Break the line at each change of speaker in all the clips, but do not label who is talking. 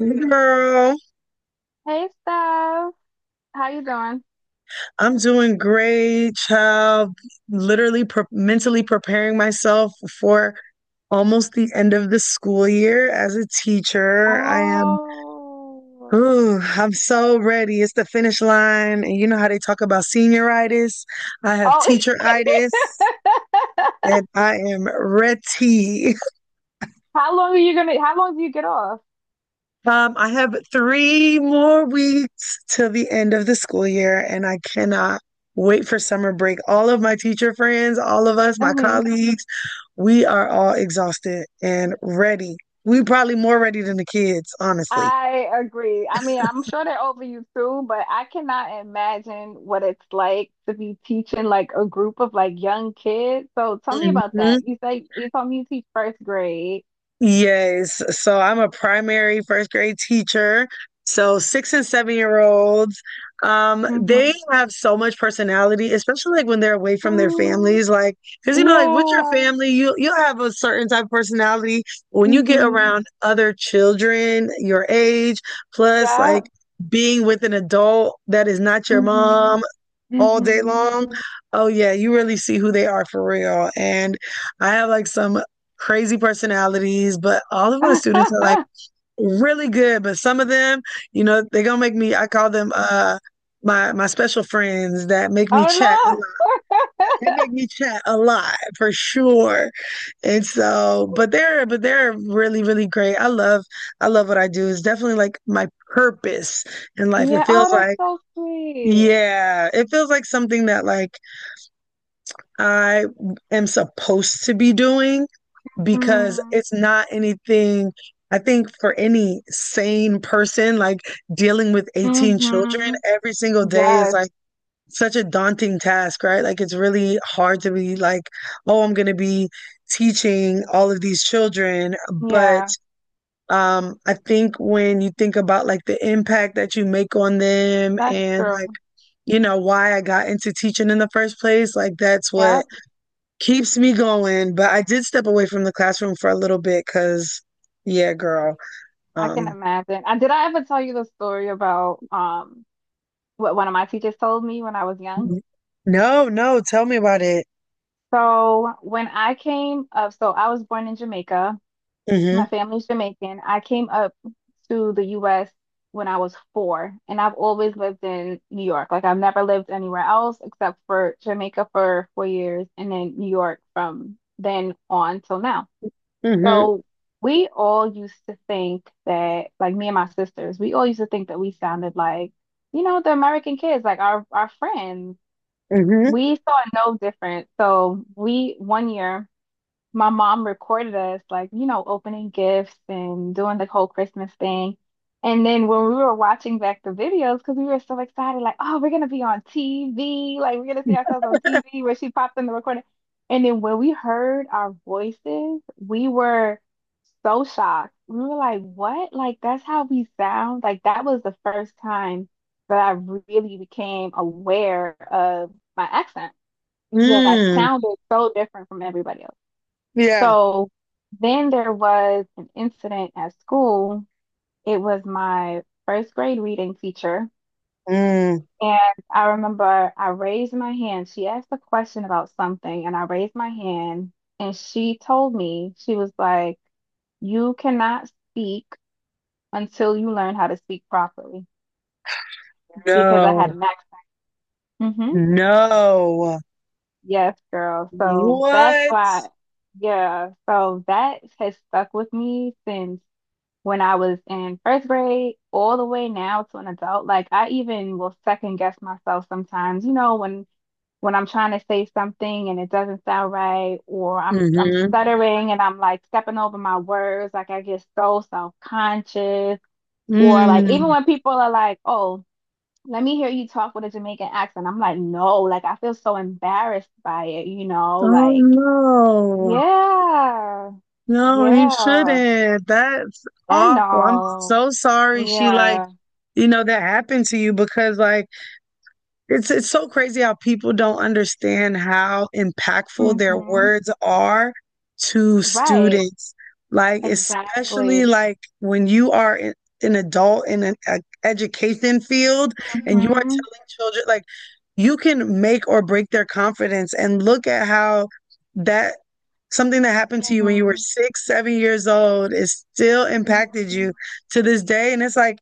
Girl,
Hey, Steph. How you doing?
I'm doing great, child. Literally pre mentally preparing myself for almost the end of the school year as a teacher. I am,
Oh.
ooh, I'm so ready. It's the finish line. And you know how they talk about senioritis? I have
Oh.
teacheritis, and I am ready.
How long are you gonna, how long do you get off?
I have 3 more weeks till the end of the school year, and I cannot wait for summer break. All of my teacher friends, all of us, my
hmm
colleagues, we are all exhausted and ready. We probably more ready than the kids, honestly.
I agree. I mean, I'm sure they're over you too, but I cannot imagine what it's like to be teaching like a group of like young kids. So tell me about
Mhm.
that. You say you told me you teach first grade.
Yes. So I'm a primary first grade teacher. So 6 and 7 year olds, they
Mm-hmm.
have so much personality, especially like when they're away from their
Mm,
families. Like, because you know, like with your
yeah.
family, you'll have a certain type of personality. When you get
Mm-hmm.
around other children your age, plus
Yeah.
like being with an adult that is not your
Mm-hmm.
mom all day
Mm-hmm.
long. Oh yeah, you really see who they are for real. And I have like some crazy personalities, but all of my students are like really good. But some of them, you know, they're gonna make me I call them my special friends that make me
Oh
chat a lot.
no.
They make me chat a lot for sure. And so, but they're really, really great. I love what I do. It's definitely like my purpose in life.
Yeah.
It
Oh,
feels
that's
like,
so sweet.
yeah, it feels like something that like I am supposed to be doing because
Mm.
it's not anything. I think for any sane person, like dealing with 18 children
hmm
every single day is
Yes.
like such a daunting task, right? Like it's really hard to be like, oh, I'm going to be teaching all of these children. But
Yeah.
I think when you think about like the impact that you make on them
That's
and
true.
like, you know, why I got into teaching in the first place, like that's
Yeah.
what keeps me going, but I did step away from the classroom for a little bit because, yeah, girl.
I can
Um,
imagine. Did I ever tell you the story about what one of my teachers told me when I was young?
Mhm. No, no, tell me about it.
So when I came up, so I was born in Jamaica. My
Hmm.
family's Jamaican. I came up to the US when I was four, and I've always lived in New York. Like I've never lived anywhere else except for Jamaica for 4 years and then New York from then on till now.
Hmm.
So we all used to think that, like me and my sisters, we all used to think that we sounded like, the American kids, like our friends.
Hmm.
We saw no difference. So we one year my mom recorded us like, opening gifts and doing the whole Christmas thing. And then when we were watching back the videos, because we were so excited, like, oh, we're gonna be on TV, like we're gonna see ourselves on TV where she popped in the recording. And then when we heard our voices, we were so shocked. We were like, what? Like that's how we sound? Like that was the first time that I really became aware of my accent, that I
Mm,
sounded so different from everybody else.
yeah.
So then there was an incident at school. It was my first grade reading teacher.
Mm,
And I remember I raised my hand. She asked a question about something, and I raised my hand. And she told me, she was like, you cannot speak until you learn how to speak properly because I had
no,
an accent. Hmm
no.
Yes, girl. So that's
What?
why, yeah. So that has stuck with me since when I was in first grade all the way now to an adult. Like I even will second guess myself sometimes, you know, when I'm trying to say something and it doesn't sound right, or I'm
Hmm.
stuttering and I'm like stepping over my words, like I get so self-conscious, or like even
Mm.
when people are like, "Oh, let me hear you talk with a Jamaican accent," I'm like, "No," like I feel so embarrassed by it, you know,
Oh
like
no.
yeah,
No, he
yeah,
shouldn't. That's
and
awful. I'm
no,
so sorry she like,
yeah.
that happened to you because like it's so crazy how people don't understand how impactful their
Mm-hmm.
words are to
Right.
students. Like especially
Exactly.
like when you are in, an adult in an education field and you are
Mm-hmm.
telling children like you can make or break their confidence and look at how that something that happened to you when you were
Mm-hmm.
6, 7 years old is still impacted you
hmm
to this day. And it's like,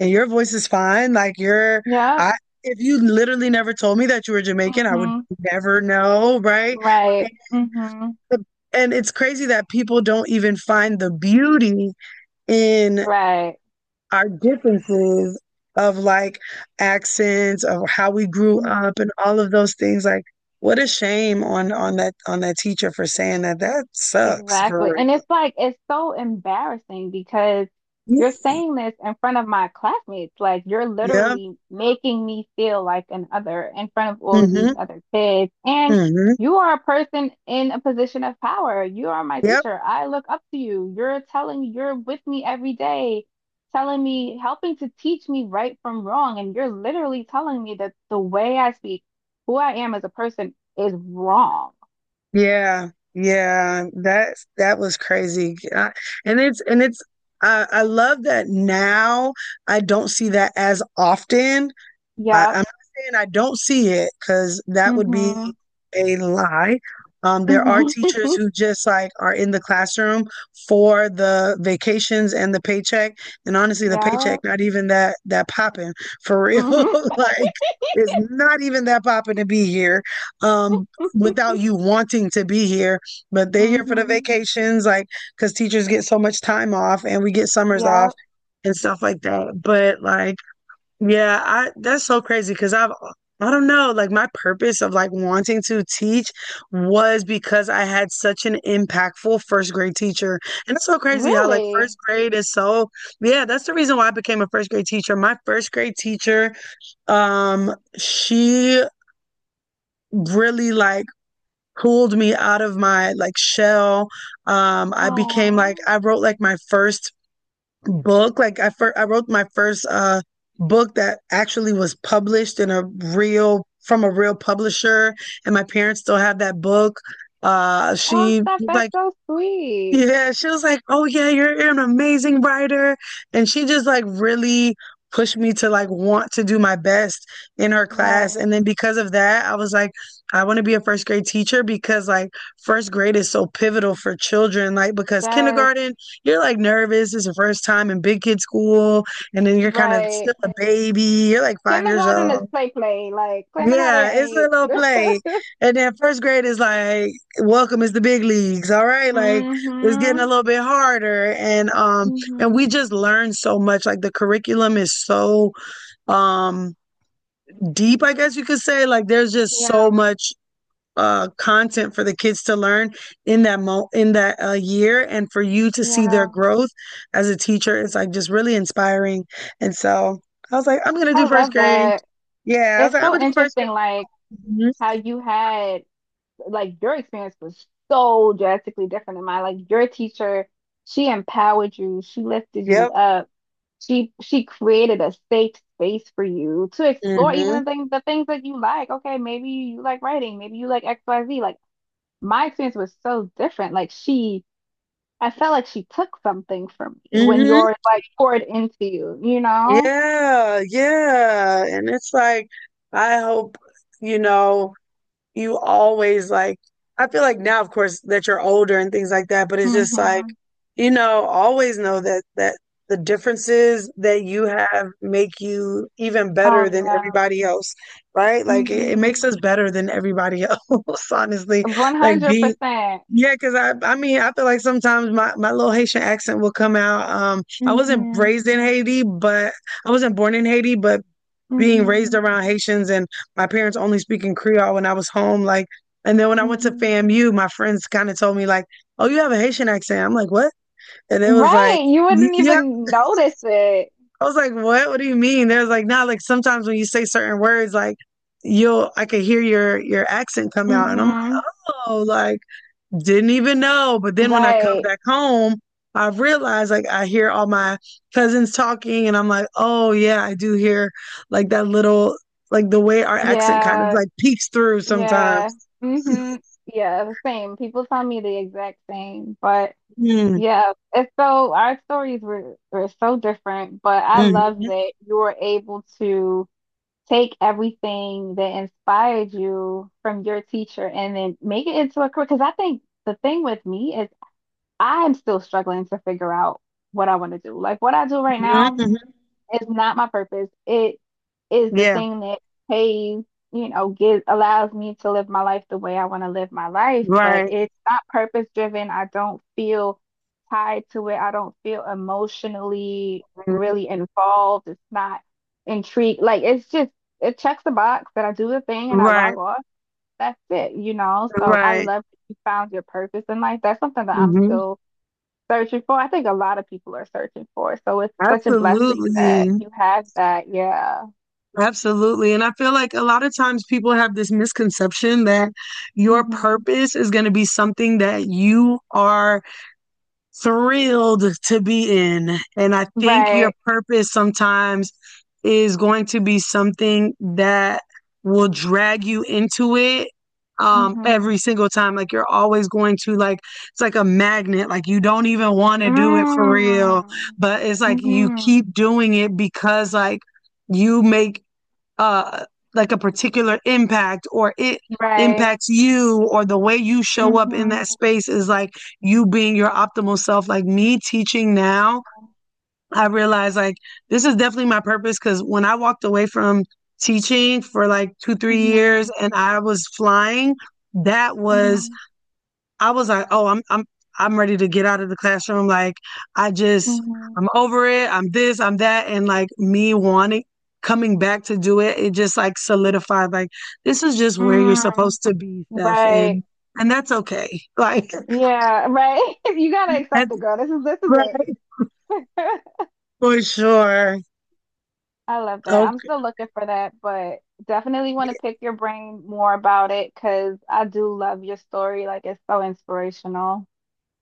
and your voice is fine. Like your
Yep.
if you literally never told me that you were Jamaican, I would
Mm-hmm.
never know, right? And,
Right. Mm-hmm.
the- and it's crazy that people don't even find the beauty in
Right.
our differences of like accents, of how we grew
Mm-hmm.
up, and all of those things. Like, what a shame on that teacher for saying that. That sucks
Exactly.
for
And it's like, it's so embarrassing because
real.
you're saying this in front of my classmates. Like, you're
Yeah.
literally making me feel like an other in front of all of these
Mm-hmm.
other kids. And
Mm-hmm.
you are a person in a position of power. You are my
Yep.
teacher. I look up to you. You're telling, me, you're with me every day, telling me, helping to teach me right from wrong. And you're literally telling me that the way I speak, who I am as a person is wrong.
Yeah, yeah, that was crazy. I, and it's I love that now I don't see that as often I I'm
Yep.
not saying I don't see it because that would be a lie. There
Mhm.
are teachers who just like are in the classroom for the vacations and the paycheck, and honestly, the paycheck
Yeah.
not even that popping for real.
Mhm.
Like, it's not even that popping to be here, um, without you wanting to be here. But they're here for the
Mhm.
vacations, like because teachers get so much time off, and we get summers off
Yeah.
and stuff like that. But like yeah, I that's so crazy because I don't know, like my purpose of like wanting to teach was because I had such an impactful first grade teacher. And it's so crazy how like
Really?
first grade is so, yeah, that's the reason why I became a first grade teacher. My first grade teacher, um, she really like pulled me out of my like shell.
Aw.
I wrote like my first book. I wrote my first book that actually was published in a real from a real publisher, and my parents still have that book.
Oh,
She
stuff.
was
That's
like,
so sweet.
yeah, she was like, "Oh yeah, you're an amazing writer." And she just like really pushed me to like want to do my best in her class. And
Right.
then because of that, I was like, I want to be a first grade teacher because like first grade is so pivotal for children. Like because
Yes.
kindergarten, you're like nervous. It's your first time in big kid school, and then you're kind of still
Right.
a baby. You're like 5 years
Kindergarten is
old.
play play. Like kindergarten
Yeah, it's a
ain't.
little play. And then first grade is like, welcome is the big leagues. All right. Like it's getting a
Mhm.
little bit harder. And we just
Mhm.
learn so much. Like the curriculum is so um deep, I guess you could say. Like there's just so
Yeah.
much content for the kids to learn in that year and for you to see their
Yeah.
growth as a teacher it's like just really inspiring. And so I was like, I'm gonna do
I
first
love
grade.
that.
Yeah, I was
It's
like, I'm
so
gonna do first grade.
interesting. Like
Mhm.
how you had like your experience was so drastically different than mine. Like your teacher, she empowered you. She lifted you
Yep.
up. She created a safe space for you to explore
Mm-hmm.
even the things that you like. Okay, maybe you like writing, maybe you like XYZ. Like my experience was so different. Like she I felt like she took something from me when
Mm-hmm.
yours like poured into you, you know?
Yeah, yeah. And it's like, I hope, you know. You always like I feel like now of course that you're older and things like that, but it's just like,
Hmm
always know that the differences that you have make you even
Oh
better than
yeah.
everybody else, right? Like it makes
hmm
us better than everybody else, honestly. Like being
100%.
Yeah, because I mean I feel like sometimes my little Haitian accent will come out. I wasn't
Hmm
raised in Haiti, but I wasn't born in Haiti, but being raised
hmm
around Haitians and my parents only speaking Creole when I was home, like and then when I went to
hmm
FAMU, my friends kind of told me like, "Oh, you have a Haitian accent." I'm like, "What?" And it was like,
Right. You wouldn't
"Yeah."
even notice it.
I was like, "What? What do you mean?" There's like, "Nah." Like sometimes when you say certain words, like you'll I could hear your accent come out, and I'm like,
Hmm
"Oh, like didn't even know." But then when I come
Right.
back home, I realize like I hear all my cousins talking and I'm like, oh yeah, I do hear like that little like the way our accent kind of
Yeah.
like peeks through
Yeah.
sometimes.
hmm Yeah, the same. People tell me the exact same. But
Mm.
yeah, it's so our stories were so different, but I love
Mhm.
that you were able to take everything that inspired you from your teacher and then make it into a career. Because I think the thing with me is I'm still struggling to figure out what I want to do. Like what I do right
Mhm.
now.
Mhm.
It's not my purpose. It is the
Yeah.
thing that pays, you know, gives allows me to live my life the way I want to live my life, but
Right.
it's not purpose driven. I don't feel tied to it. I don't feel emotionally
Mhm.
really involved. It's not intrigued. Like it's just it checks the box that I do the thing and I
Right.
log off. That's it, you know. So I
Right.
love that you found your purpose in life. That's something that I'm
Hmm.
still searching for. I think a lot of people are searching for it. So it's such a blessing
Absolutely.
that you have that. Yeah.
Absolutely. And I feel like a lot of times people have this misconception that your
hmm
purpose is going to be something that you are thrilled to be in. And I think your
Right.
purpose sometimes is going to be something that will drag you into it
hmm
every single time like you're always going to like it's like a magnet like you don't even want to do it for real
Mm.
but it's like you
hmm
keep doing it because like you make uh like a particular impact or it
Right.
impacts you or the way you show up in that
hmm
space is like you being your optimal self like me teaching now I realize like this is definitely my purpose because when I walked away from teaching for like two three
hmm
years and I was flying that was
hmm
I was like, oh, I'm ready to get out of the classroom. Like I just
hmm
I'm over it. I'm this, I'm that. And like me wanting coming back to do it, it just like solidified like this is just where you're
Mm.
supposed to be, Steph. And
Right.
and that's okay. Like
Yeah, right. You gotta accept
that's
it, girl. This is
right
it.
for sure.
I love that. I'm
Okay.
still looking for that, but definitely want to pick your brain more about it because I do love your story. Like it's so inspirational.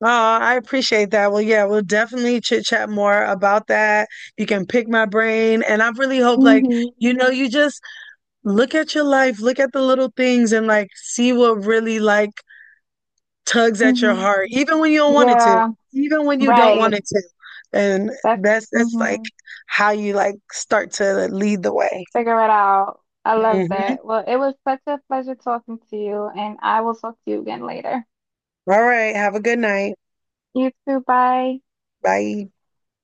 Oh, I appreciate that. Well, yeah, we'll definitely chit chat more about that. You can pick my brain. And I really hope like,
Hmm
you just look at your life, look at the little things and like see what really like tugs at your
hmm
heart, even when you don't want it to,
Yeah,
even when you don't want
right.
it to. And
That's
that's like
hmm
how you like start to lead the way.
Figure it out. I love
Mhm.
that. Well, it was such a pleasure talking to you, and I will talk to you again later.
All right. Have a good night.
You too. Bye.
Bye.